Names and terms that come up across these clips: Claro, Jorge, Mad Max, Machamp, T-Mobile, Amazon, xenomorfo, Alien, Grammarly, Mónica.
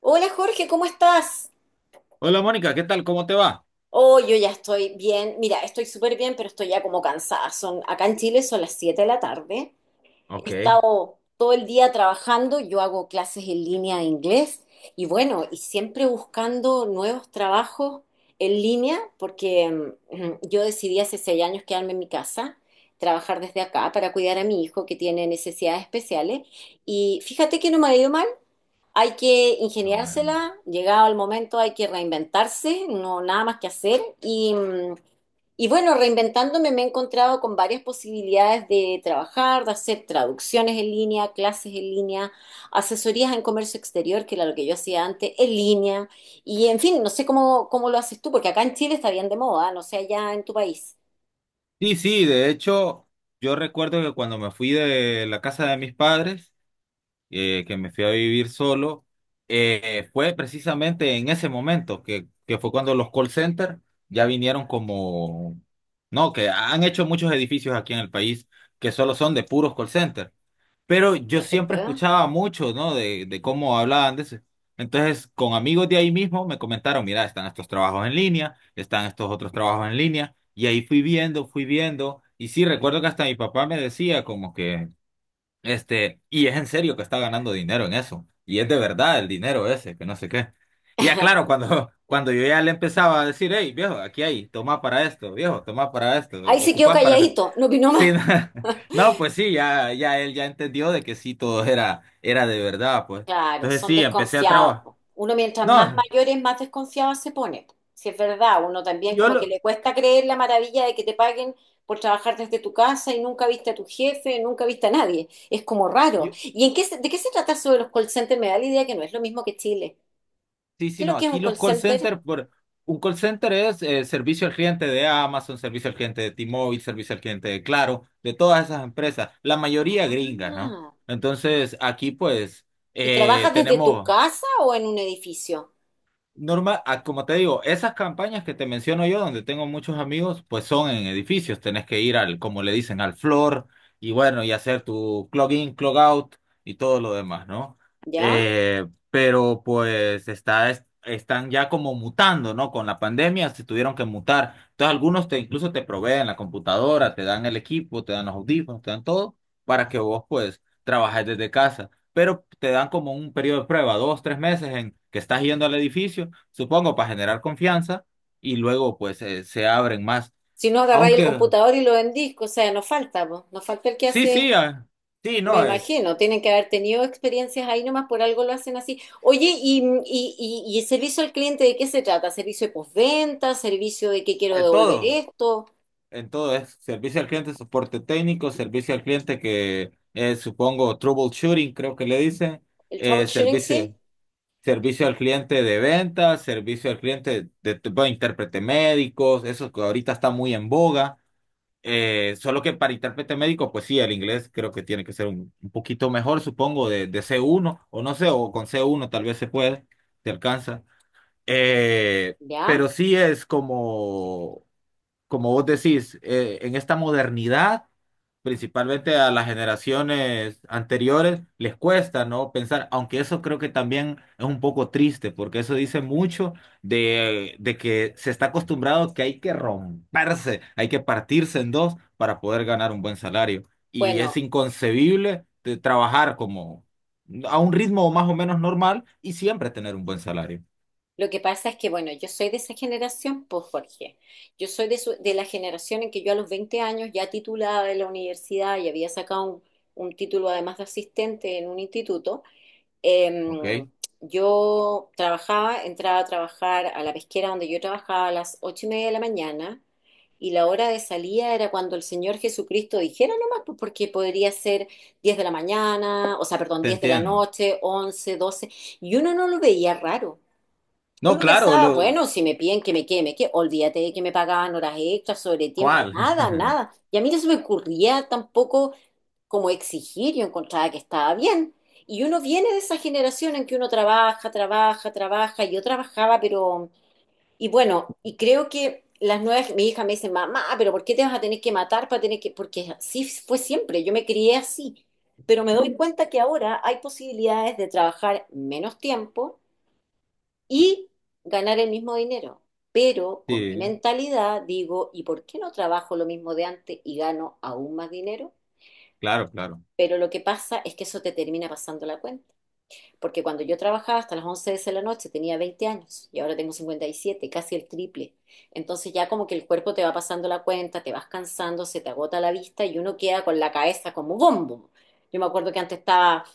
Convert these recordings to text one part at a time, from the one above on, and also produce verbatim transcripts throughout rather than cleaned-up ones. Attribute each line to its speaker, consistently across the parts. Speaker 1: Hola Jorge, ¿cómo estás?
Speaker 2: Hola Mónica, ¿qué tal? ¿Cómo te va?
Speaker 1: Oh, yo ya estoy bien. Mira, estoy súper bien, pero estoy ya como cansada. Son, acá en Chile son las siete de la tarde. He
Speaker 2: Ok.
Speaker 1: estado todo el día trabajando. Yo hago clases en línea de inglés y bueno, y siempre buscando nuevos trabajos en línea porque mm, yo decidí hace seis años quedarme en mi casa, trabajar desde acá para cuidar a mi hijo que tiene necesidades especiales. Y fíjate que no me ha ido mal. Hay que
Speaker 2: Ah, bueno.
Speaker 1: ingeniársela, llegado el momento hay que reinventarse, no nada más que hacer. Y, mm, y bueno, reinventándome me he encontrado con varias posibilidades de trabajar, de hacer traducciones en línea, clases en línea, asesorías en comercio exterior, que era lo que yo hacía antes, en línea. Y en fin, no sé cómo, cómo lo haces tú, porque acá en Chile está bien de moda, no sé allá en tu país.
Speaker 2: Sí, sí, de hecho, yo recuerdo que cuando me fui de la casa de mis padres, eh, que me fui a vivir solo. Eh, fue precisamente en ese momento, que, que fue cuando los call centers ya vinieron como, no, que han hecho muchos edificios aquí en el país que solo son de puros call centers. Pero yo
Speaker 1: No te
Speaker 2: siempre
Speaker 1: puedo.
Speaker 2: escuchaba mucho, ¿no? De, de cómo hablaban de eso. Entonces, con amigos de ahí mismo me comentaron, mira, están estos trabajos en línea, están estos otros trabajos en línea, y ahí fui viendo, fui viendo, y sí, recuerdo que hasta mi papá me decía como que, este, y es en serio que está ganando dinero en eso. Y es de verdad el dinero ese, que no sé qué. Y ya claro, cuando, cuando yo ya le empezaba a decir, hey, viejo, aquí hay, toma para esto, viejo, toma para esto,
Speaker 1: Ahí se quedó
Speaker 2: ocupás para que-".
Speaker 1: calladito, no opinó
Speaker 2: Sí,
Speaker 1: más.
Speaker 2: no, no, pues sí, ya, ya él ya entendió de que sí, todo era, era de verdad, pues.
Speaker 1: Claro,
Speaker 2: Entonces
Speaker 1: son
Speaker 2: sí, empecé a
Speaker 1: desconfiados.
Speaker 2: trabajar.
Speaker 1: Po. Uno mientras más
Speaker 2: No,
Speaker 1: mayor es, más desconfiado se pone. Po. Si es verdad, uno también
Speaker 2: yo
Speaker 1: como que
Speaker 2: lo...
Speaker 1: le cuesta creer la maravilla de que te paguen por trabajar desde tu casa y nunca viste a tu jefe, nunca viste a nadie. Es como raro.
Speaker 2: yo-
Speaker 1: ¿Y en qué se- de qué se trata eso de los call centers? Me da la idea que no es lo mismo que Chile.
Speaker 2: sí,
Speaker 1: ¿Qué
Speaker 2: sí,
Speaker 1: es lo
Speaker 2: no,
Speaker 1: que es un
Speaker 2: aquí
Speaker 1: call
Speaker 2: los call
Speaker 1: center?
Speaker 2: centers, por, un call center es eh, servicio al cliente de Amazon, servicio al cliente de T-Mobile, servicio al cliente de Claro, de todas esas empresas, la mayoría gringas, ¿no?
Speaker 1: Ah,
Speaker 2: Entonces, aquí pues
Speaker 1: ¿y
Speaker 2: eh,
Speaker 1: trabajas desde tu
Speaker 2: tenemos.
Speaker 1: casa o en un edificio?
Speaker 2: Normal, ah, como te digo, esas campañas que te menciono yo, donde tengo muchos amigos, pues son en edificios. Tenés que ir al, como le dicen, al floor y bueno, y hacer tu clog in, clog out y todo lo demás, ¿no?
Speaker 1: ¿Ya?
Speaker 2: Eh, pero pues está, es- están ya como mutando, ¿no? Con la pandemia se tuvieron que mutar. Entonces algunos te incluso te proveen la computadora, te dan el equipo, te dan los audífonos, te dan todo para que vos pues trabajes desde casa, pero te dan como un periodo de prueba, dos, tres meses en que estás yendo al edificio, supongo, para generar confianza y luego pues eh, se abren más.
Speaker 1: Si no, agarráis el
Speaker 2: Aunque
Speaker 1: computador y lo vendís, o sea, no falta, po. No falta el que
Speaker 2: sí, sí,
Speaker 1: hace...
Speaker 2: ah, sí,
Speaker 1: Me
Speaker 2: no, es,
Speaker 1: imagino, tienen que haber tenido experiencias ahí nomás, por algo lo hacen así. Oye, ¿y, y, y, y el servicio al cliente de qué se trata? ¿Servicio de postventa? ¿Servicio de que quiero
Speaker 2: eh,
Speaker 1: devolver
Speaker 2: todo,
Speaker 1: esto?
Speaker 2: en todo es servicio al cliente, soporte técnico, servicio al cliente que eh, supongo troubleshooting, creo que le dicen,
Speaker 1: ¿El
Speaker 2: eh,
Speaker 1: troubleshooting, sí?
Speaker 2: servicio, servicio al cliente de ventas, servicio al cliente de, de- bueno, intérprete médicos, eso que ahorita está muy en boga. Eh, solo que para intérprete médico, pues sí, el inglés creo que tiene que ser un, un poquito mejor, supongo, de, de c uno o no sé, o con c uno tal vez se puede, se alcanza. Eh,
Speaker 1: ¿Ya?
Speaker 2: pero sí es como, como, vos decís, eh, en esta modernidad, principalmente a las generaciones anteriores, les cuesta, ¿no? Pensar, aunque eso creo que también es un poco triste, porque eso dice mucho de, de que se está acostumbrado que hay que romperse, hay que partirse en dos para poder ganar un buen salario. Y es
Speaker 1: Bueno,
Speaker 2: inconcebible de trabajar como a un ritmo más o menos normal y siempre tener un buen salario,
Speaker 1: lo que pasa es que, bueno, yo soy de esa generación, pues Jorge. Yo soy de, su- de la generación en que yo a los veinte años, ya titulada de la universidad y había sacado un, un título además de asistente en un instituto. Em,
Speaker 2: ¿ok?
Speaker 1: yo trabajaba, entraba a trabajar a la pesquera donde yo trabajaba a las ocho y media de la mañana y la hora de salida era cuando el Señor Jesucristo dijera nomás, pues, porque podría ser diez de la mañana, o sea, perdón,
Speaker 2: Te
Speaker 1: diez de la
Speaker 2: entiendo.
Speaker 1: noche, once, doce y uno no lo veía raro.
Speaker 2: No,
Speaker 1: Uno
Speaker 2: claro,
Speaker 1: pensaba,
Speaker 2: lo,
Speaker 1: bueno, si me piden que me quede, me quede, olvídate de que me pagaban horas extras, sobre tiempo,
Speaker 2: ¿cuál?
Speaker 1: nada, nada. Y a mí no se me ocurría tampoco como exigir, yo encontraba que estaba bien. Y uno viene de esa generación en que uno trabaja, trabaja, trabaja, y yo trabajaba, pero, y bueno, y creo que las nuevas, mi hija me dice, mamá, pero ¿por qué te vas a tener que matar para tener que, porque así fue siempre, yo me crié así, pero me doy cuenta que ahora hay posibilidades de trabajar menos tiempo y ganar el mismo dinero. Pero con mi
Speaker 2: Sí,
Speaker 1: mentalidad digo, ¿y por qué no trabajo lo mismo de antes y gano aún más dinero?
Speaker 2: claro, claro.
Speaker 1: Pero lo que pasa es que eso te termina pasando la cuenta. Porque cuando yo trabajaba hasta las once de la noche tenía veinte años y ahora tengo cincuenta y siete, casi el triple. Entonces ya como que el cuerpo te va pasando la cuenta, te vas cansando, se te agota la vista y uno queda con la cabeza como bombo. Yo me acuerdo que antes estaba,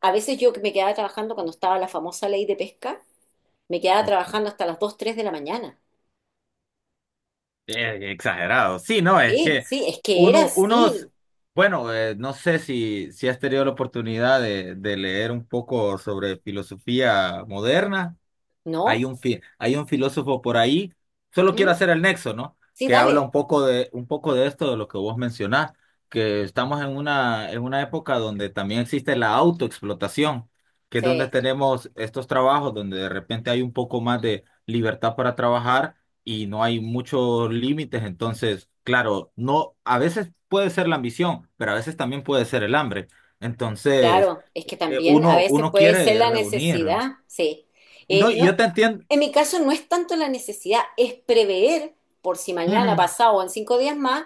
Speaker 1: a veces yo que me quedaba trabajando cuando estaba la famosa ley de pesca, me quedaba
Speaker 2: Ok.
Speaker 1: trabajando hasta las dos tres de la mañana.
Speaker 2: Eh, exagerado. Sí, no, es
Speaker 1: Sí,
Speaker 2: que
Speaker 1: sí, es que era
Speaker 2: uno, unos,
Speaker 1: así,
Speaker 2: bueno, eh, no sé si, si has tenido la oportunidad de, de leer un poco sobre filosofía moderna. Hay
Speaker 1: ¿no?
Speaker 2: un, fi- hay un filósofo por ahí, solo quiero
Speaker 1: Ujú.
Speaker 2: hacer el nexo, ¿no?
Speaker 1: Sí,
Speaker 2: Que habla un
Speaker 1: dale.
Speaker 2: poco de, un poco de esto, de lo que vos mencionás, que estamos en una, en una época donde también existe la autoexplotación, que es donde
Speaker 1: Sí.
Speaker 2: tenemos estos trabajos donde de repente hay un poco más de libertad para trabajar y no hay muchos límites, entonces, claro, no, a veces puede ser la ambición, pero a veces también puede ser el hambre. Entonces,
Speaker 1: Claro, es que
Speaker 2: eh,
Speaker 1: también a
Speaker 2: uno,
Speaker 1: veces
Speaker 2: uno
Speaker 1: puede ser
Speaker 2: quiere
Speaker 1: la
Speaker 2: reunir. ¿No?
Speaker 1: necesidad, sí.
Speaker 2: Y no,
Speaker 1: Eh,
Speaker 2: y
Speaker 1: no,
Speaker 2: yo te entiendo.
Speaker 1: en mi caso no es tanto la necesidad, es prever por si mañana, pasado o en cinco días más,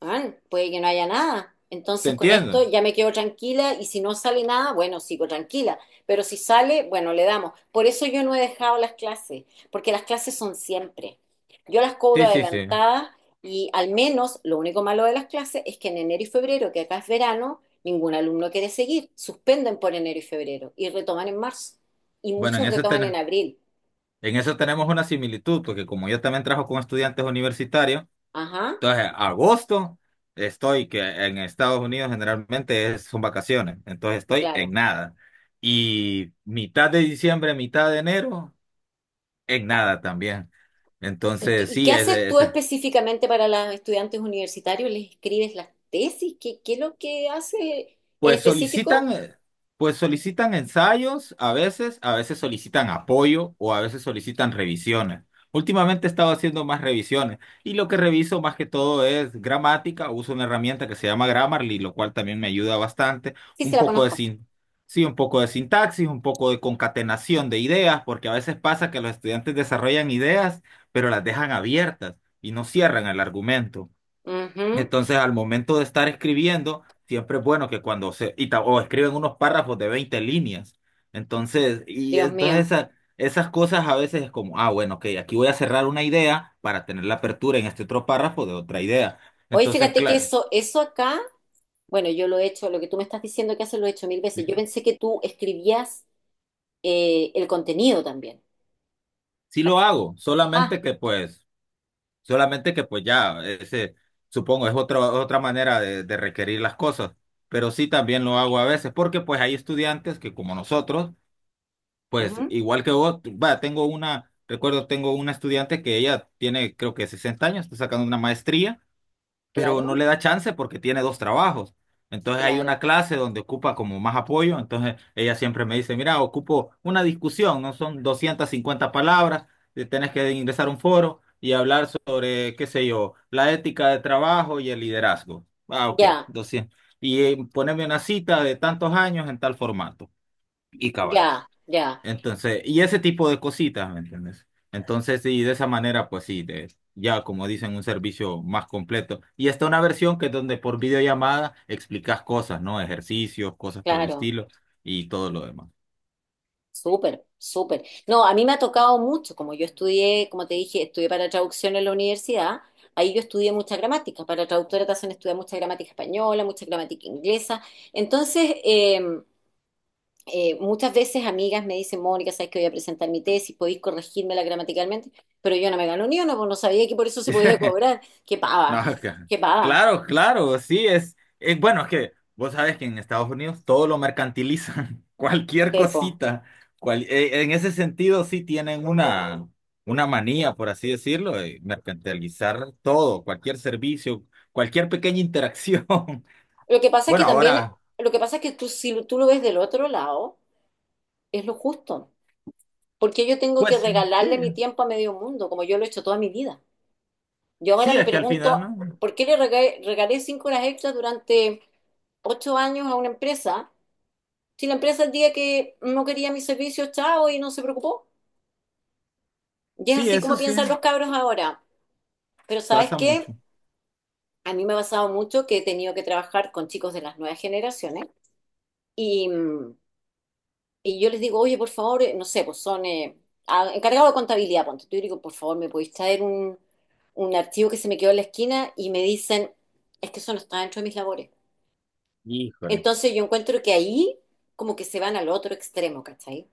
Speaker 1: man, puede que no haya nada.
Speaker 2: Te
Speaker 1: Entonces con esto
Speaker 2: entiendo.
Speaker 1: ya me quedo tranquila y si no sale nada, bueno, sigo tranquila. Pero si sale, bueno, le damos. Por eso yo no he dejado las clases, porque las clases son siempre. Yo las cobro
Speaker 2: Sí, sí, sí.
Speaker 1: adelantadas y al menos lo único malo de las clases es que en enero y febrero, que acá es verano, ningún alumno quiere seguir. Suspenden por enero y febrero y retoman en marzo. Y
Speaker 2: Bueno, en
Speaker 1: muchos
Speaker 2: ese
Speaker 1: retoman en
Speaker 2: ten-
Speaker 1: abril.
Speaker 2: en eso tenemos una similitud, porque como yo también trabajo con estudiantes universitarios,
Speaker 1: Ajá,
Speaker 2: entonces agosto estoy, que en Estados Unidos generalmente es- son vacaciones, entonces estoy en
Speaker 1: claro.
Speaker 2: nada. Y mitad de diciembre, mitad de enero, en nada también.
Speaker 1: ¿Y qué,
Speaker 2: Entonces,
Speaker 1: y qué
Speaker 2: sí, es,
Speaker 1: haces tú
Speaker 2: es-
Speaker 1: específicamente para los estudiantes universitarios? ¿Les escribes las tesis? ¿Qué, qué es lo que hace en
Speaker 2: pues solicitan,
Speaker 1: específico?
Speaker 2: eh, pues solicitan ensayos a veces, a veces solicitan apoyo o a veces solicitan revisiones. Últimamente he estado haciendo más revisiones y lo que reviso más que todo es gramática. Uso una herramienta que se llama Grammarly, lo cual también me ayuda bastante.
Speaker 1: Sí,
Speaker 2: Un
Speaker 1: se la
Speaker 2: poco de
Speaker 1: conozco.
Speaker 2: sin, sí, un poco de sintaxis, un poco de concatenación de ideas, porque a veces pasa que los estudiantes desarrollan ideas, pero las dejan abiertas y no cierran el argumento.
Speaker 1: Ujú,
Speaker 2: Entonces, al momento de estar escribiendo, siempre es bueno que cuando se, y ta- o escriben unos párrafos de veinte líneas. Entonces, y
Speaker 1: Dios
Speaker 2: entonces
Speaker 1: mío.
Speaker 2: esa- esas cosas a veces es como, ah, bueno, ok, aquí voy a cerrar una idea para tener la apertura en este otro párrafo de otra idea.
Speaker 1: Hoy
Speaker 2: Entonces,
Speaker 1: fíjate que
Speaker 2: claro,
Speaker 1: eso, eso acá, bueno, yo lo he hecho, lo que tú me estás diciendo que haces lo he hecho mil veces. Yo pensé que tú escribías eh, el contenido también.
Speaker 2: sí lo
Speaker 1: ¿Cachai?
Speaker 2: hago,
Speaker 1: Ah,
Speaker 2: solamente que pues, solamente que pues ya, ese, supongo, es otra, otra manera de, de requerir las cosas. Pero sí también lo hago a veces, porque pues hay estudiantes que como nosotros, pues
Speaker 1: ujú,
Speaker 2: igual que vos, va, tengo una, recuerdo, tengo una estudiante que ella tiene creo que sesenta años, está sacando una maestría, pero no
Speaker 1: claro,
Speaker 2: le da chance porque tiene dos trabajos. Entonces hay una
Speaker 1: claro.
Speaker 2: clase donde ocupa como más apoyo, entonces ella siempre me dice, mira, ocupo una discusión, no son doscientas cincuenta palabras, eh, tenés que ingresar a un foro y hablar sobre, qué sé yo, la ética de trabajo y el liderazgo. Ah, ok,
Speaker 1: Ya,
Speaker 2: doscientos. Y eh, ponerme una cita de tantos años en tal formato. Y cabal.
Speaker 1: ya, ya,
Speaker 2: Entonces, y ese tipo de cositas, ¿me entiendes? Entonces, sí, de esa manera, pues sí, de- ya como dicen, un servicio más completo. Y está una versión que es donde por videollamada explicas cosas, ¿no? Ejercicios, cosas por el
Speaker 1: claro.
Speaker 2: estilo y todo lo demás.
Speaker 1: Súper, súper. No, a mí me ha tocado mucho, como yo estudié, como te dije, estudié para traducción en la universidad, ahí yo estudié mucha gramática, para traductora te hacen estudiar mucha gramática española, mucha gramática inglesa. Entonces, eh, eh, muchas veces amigas me dicen, Mónica, sabes que voy a presentar mi tesis, podéis corregírmela gramaticalmente, pero yo no me gano ni una, pues no sabía que por eso se podía cobrar. Qué
Speaker 2: No,
Speaker 1: pava,
Speaker 2: ca-
Speaker 1: qué pava,
Speaker 2: claro, claro, sí, es, es- bueno, es que vos sabes que en Estados Unidos todo lo mercantilizan, cualquier
Speaker 1: Pepo.
Speaker 2: cosita, cual- eh, en ese sentido sí tienen una, una manía, por así decirlo, de mercantilizar todo, cualquier servicio, cualquier pequeña interacción.
Speaker 1: Lo que pasa es que
Speaker 2: Bueno,
Speaker 1: también,
Speaker 2: ahora,
Speaker 1: lo que pasa es que tú, si tú lo ves del otro lado, es lo justo, porque yo tengo que
Speaker 2: pues sí,
Speaker 1: regalarle mi tiempo a medio mundo, como yo lo he hecho toda mi vida. Yo ahora
Speaker 2: sí,
Speaker 1: me
Speaker 2: es que al final,
Speaker 1: pregunto,
Speaker 2: ¿no?
Speaker 1: ¿por qué le regalé, regalé cinco horas extras durante ocho años a una empresa? Si la empresa el día que no quería mis servicios, chao, y no se preocupó. Y es
Speaker 2: Sí,
Speaker 1: así
Speaker 2: eso
Speaker 1: como
Speaker 2: sí,
Speaker 1: piensan los cabros ahora. Pero ¿sabes
Speaker 2: pasa
Speaker 1: qué?
Speaker 2: mucho.
Speaker 1: A mí me ha pasado mucho que he tenido que trabajar con chicos de las nuevas generaciones y mm, Y yo les digo, oye, por favor, eh, no sé, pues son eh, a- encargados de contabilidad, ponte tú, y digo, por favor, ¿me podéis traer un, un archivo que se me quedó en la esquina? Y me dicen, es que eso no está dentro de mis labores.
Speaker 2: Híjole.
Speaker 1: Entonces yo encuentro que ahí como que se van al otro extremo, ¿cachai?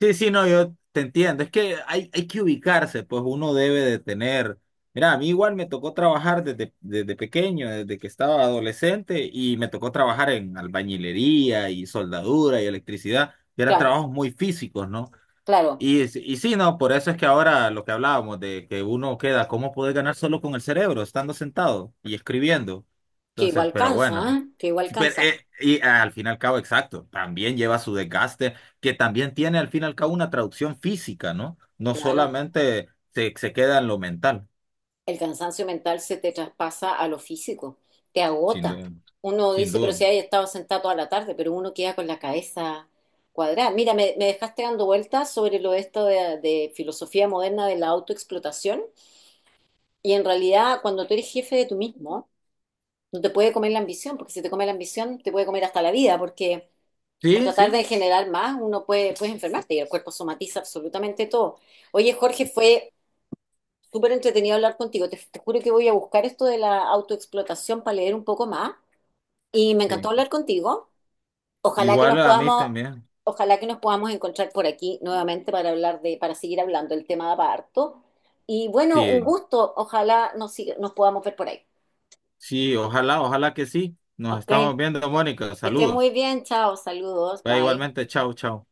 Speaker 2: Sí, sí, no, yo te entiendo. Es que hay, hay que ubicarse, pues uno debe de tener. Mira, a mí igual me tocó trabajar desde, desde pequeño, desde que estaba adolescente, y me tocó trabajar en albañilería y soldadura y electricidad, que eran
Speaker 1: Claro,
Speaker 2: trabajos muy físicos, ¿no?
Speaker 1: claro,
Speaker 2: Y, s- y sí, no, por eso es que ahora lo que hablábamos de que uno queda, ¿cómo puede ganar solo con el cerebro, estando sentado y escribiendo?
Speaker 1: que
Speaker 2: Entonces,
Speaker 1: igual
Speaker 2: pero
Speaker 1: cansa,
Speaker 2: bueno.
Speaker 1: ¿ah? Que igual
Speaker 2: Sí, pero,
Speaker 1: cansa.
Speaker 2: eh, y al fin y al cabo, exacto, también lleva su desgaste, que también tiene al fin y al cabo una traducción física, ¿no? No
Speaker 1: Claro.
Speaker 2: solamente se, se queda en lo mental,
Speaker 1: El cansancio mental se te traspasa a lo físico, te
Speaker 2: sin
Speaker 1: agota.
Speaker 2: duda,
Speaker 1: Uno
Speaker 2: sin
Speaker 1: dice, pero
Speaker 2: duda.
Speaker 1: si hay estado sentado toda la tarde, pero uno queda con la cabeza cuadrada. Mira, me, me dejaste dando vueltas sobre lo de esto de, de filosofía moderna de la autoexplotación. Y en realidad, cuando tú eres jefe de tú mismo, no te puede comer la ambición, porque si te come la ambición, te puede comer hasta la vida, porque por
Speaker 2: Sí,
Speaker 1: tratar
Speaker 2: sí,
Speaker 1: de generar más, uno puede, puedes enfermarte y el cuerpo somatiza absolutamente todo. Oye, Jorge, fue súper entretenido hablar contigo. Te, te juro que voy a buscar esto de la autoexplotación para leer un poco más. Y me encantó
Speaker 2: sí.
Speaker 1: hablar contigo. Ojalá que
Speaker 2: Igual
Speaker 1: nos
Speaker 2: a mí
Speaker 1: podamos,
Speaker 2: también.
Speaker 1: Ojalá que nos podamos encontrar por aquí nuevamente para hablar de, para seguir hablando el tema de parto. Y bueno, un
Speaker 2: Sí,
Speaker 1: gusto. Ojalá nos, siga- nos podamos ver por ahí.
Speaker 2: sí, ojalá, ojalá que sí. Nos
Speaker 1: Ok.
Speaker 2: estamos
Speaker 1: Que
Speaker 2: viendo, Mónica.
Speaker 1: estés muy
Speaker 2: Saludos.
Speaker 1: bien. Chao. Saludos.
Speaker 2: Va
Speaker 1: Bye.
Speaker 2: igualmente, chao, chao.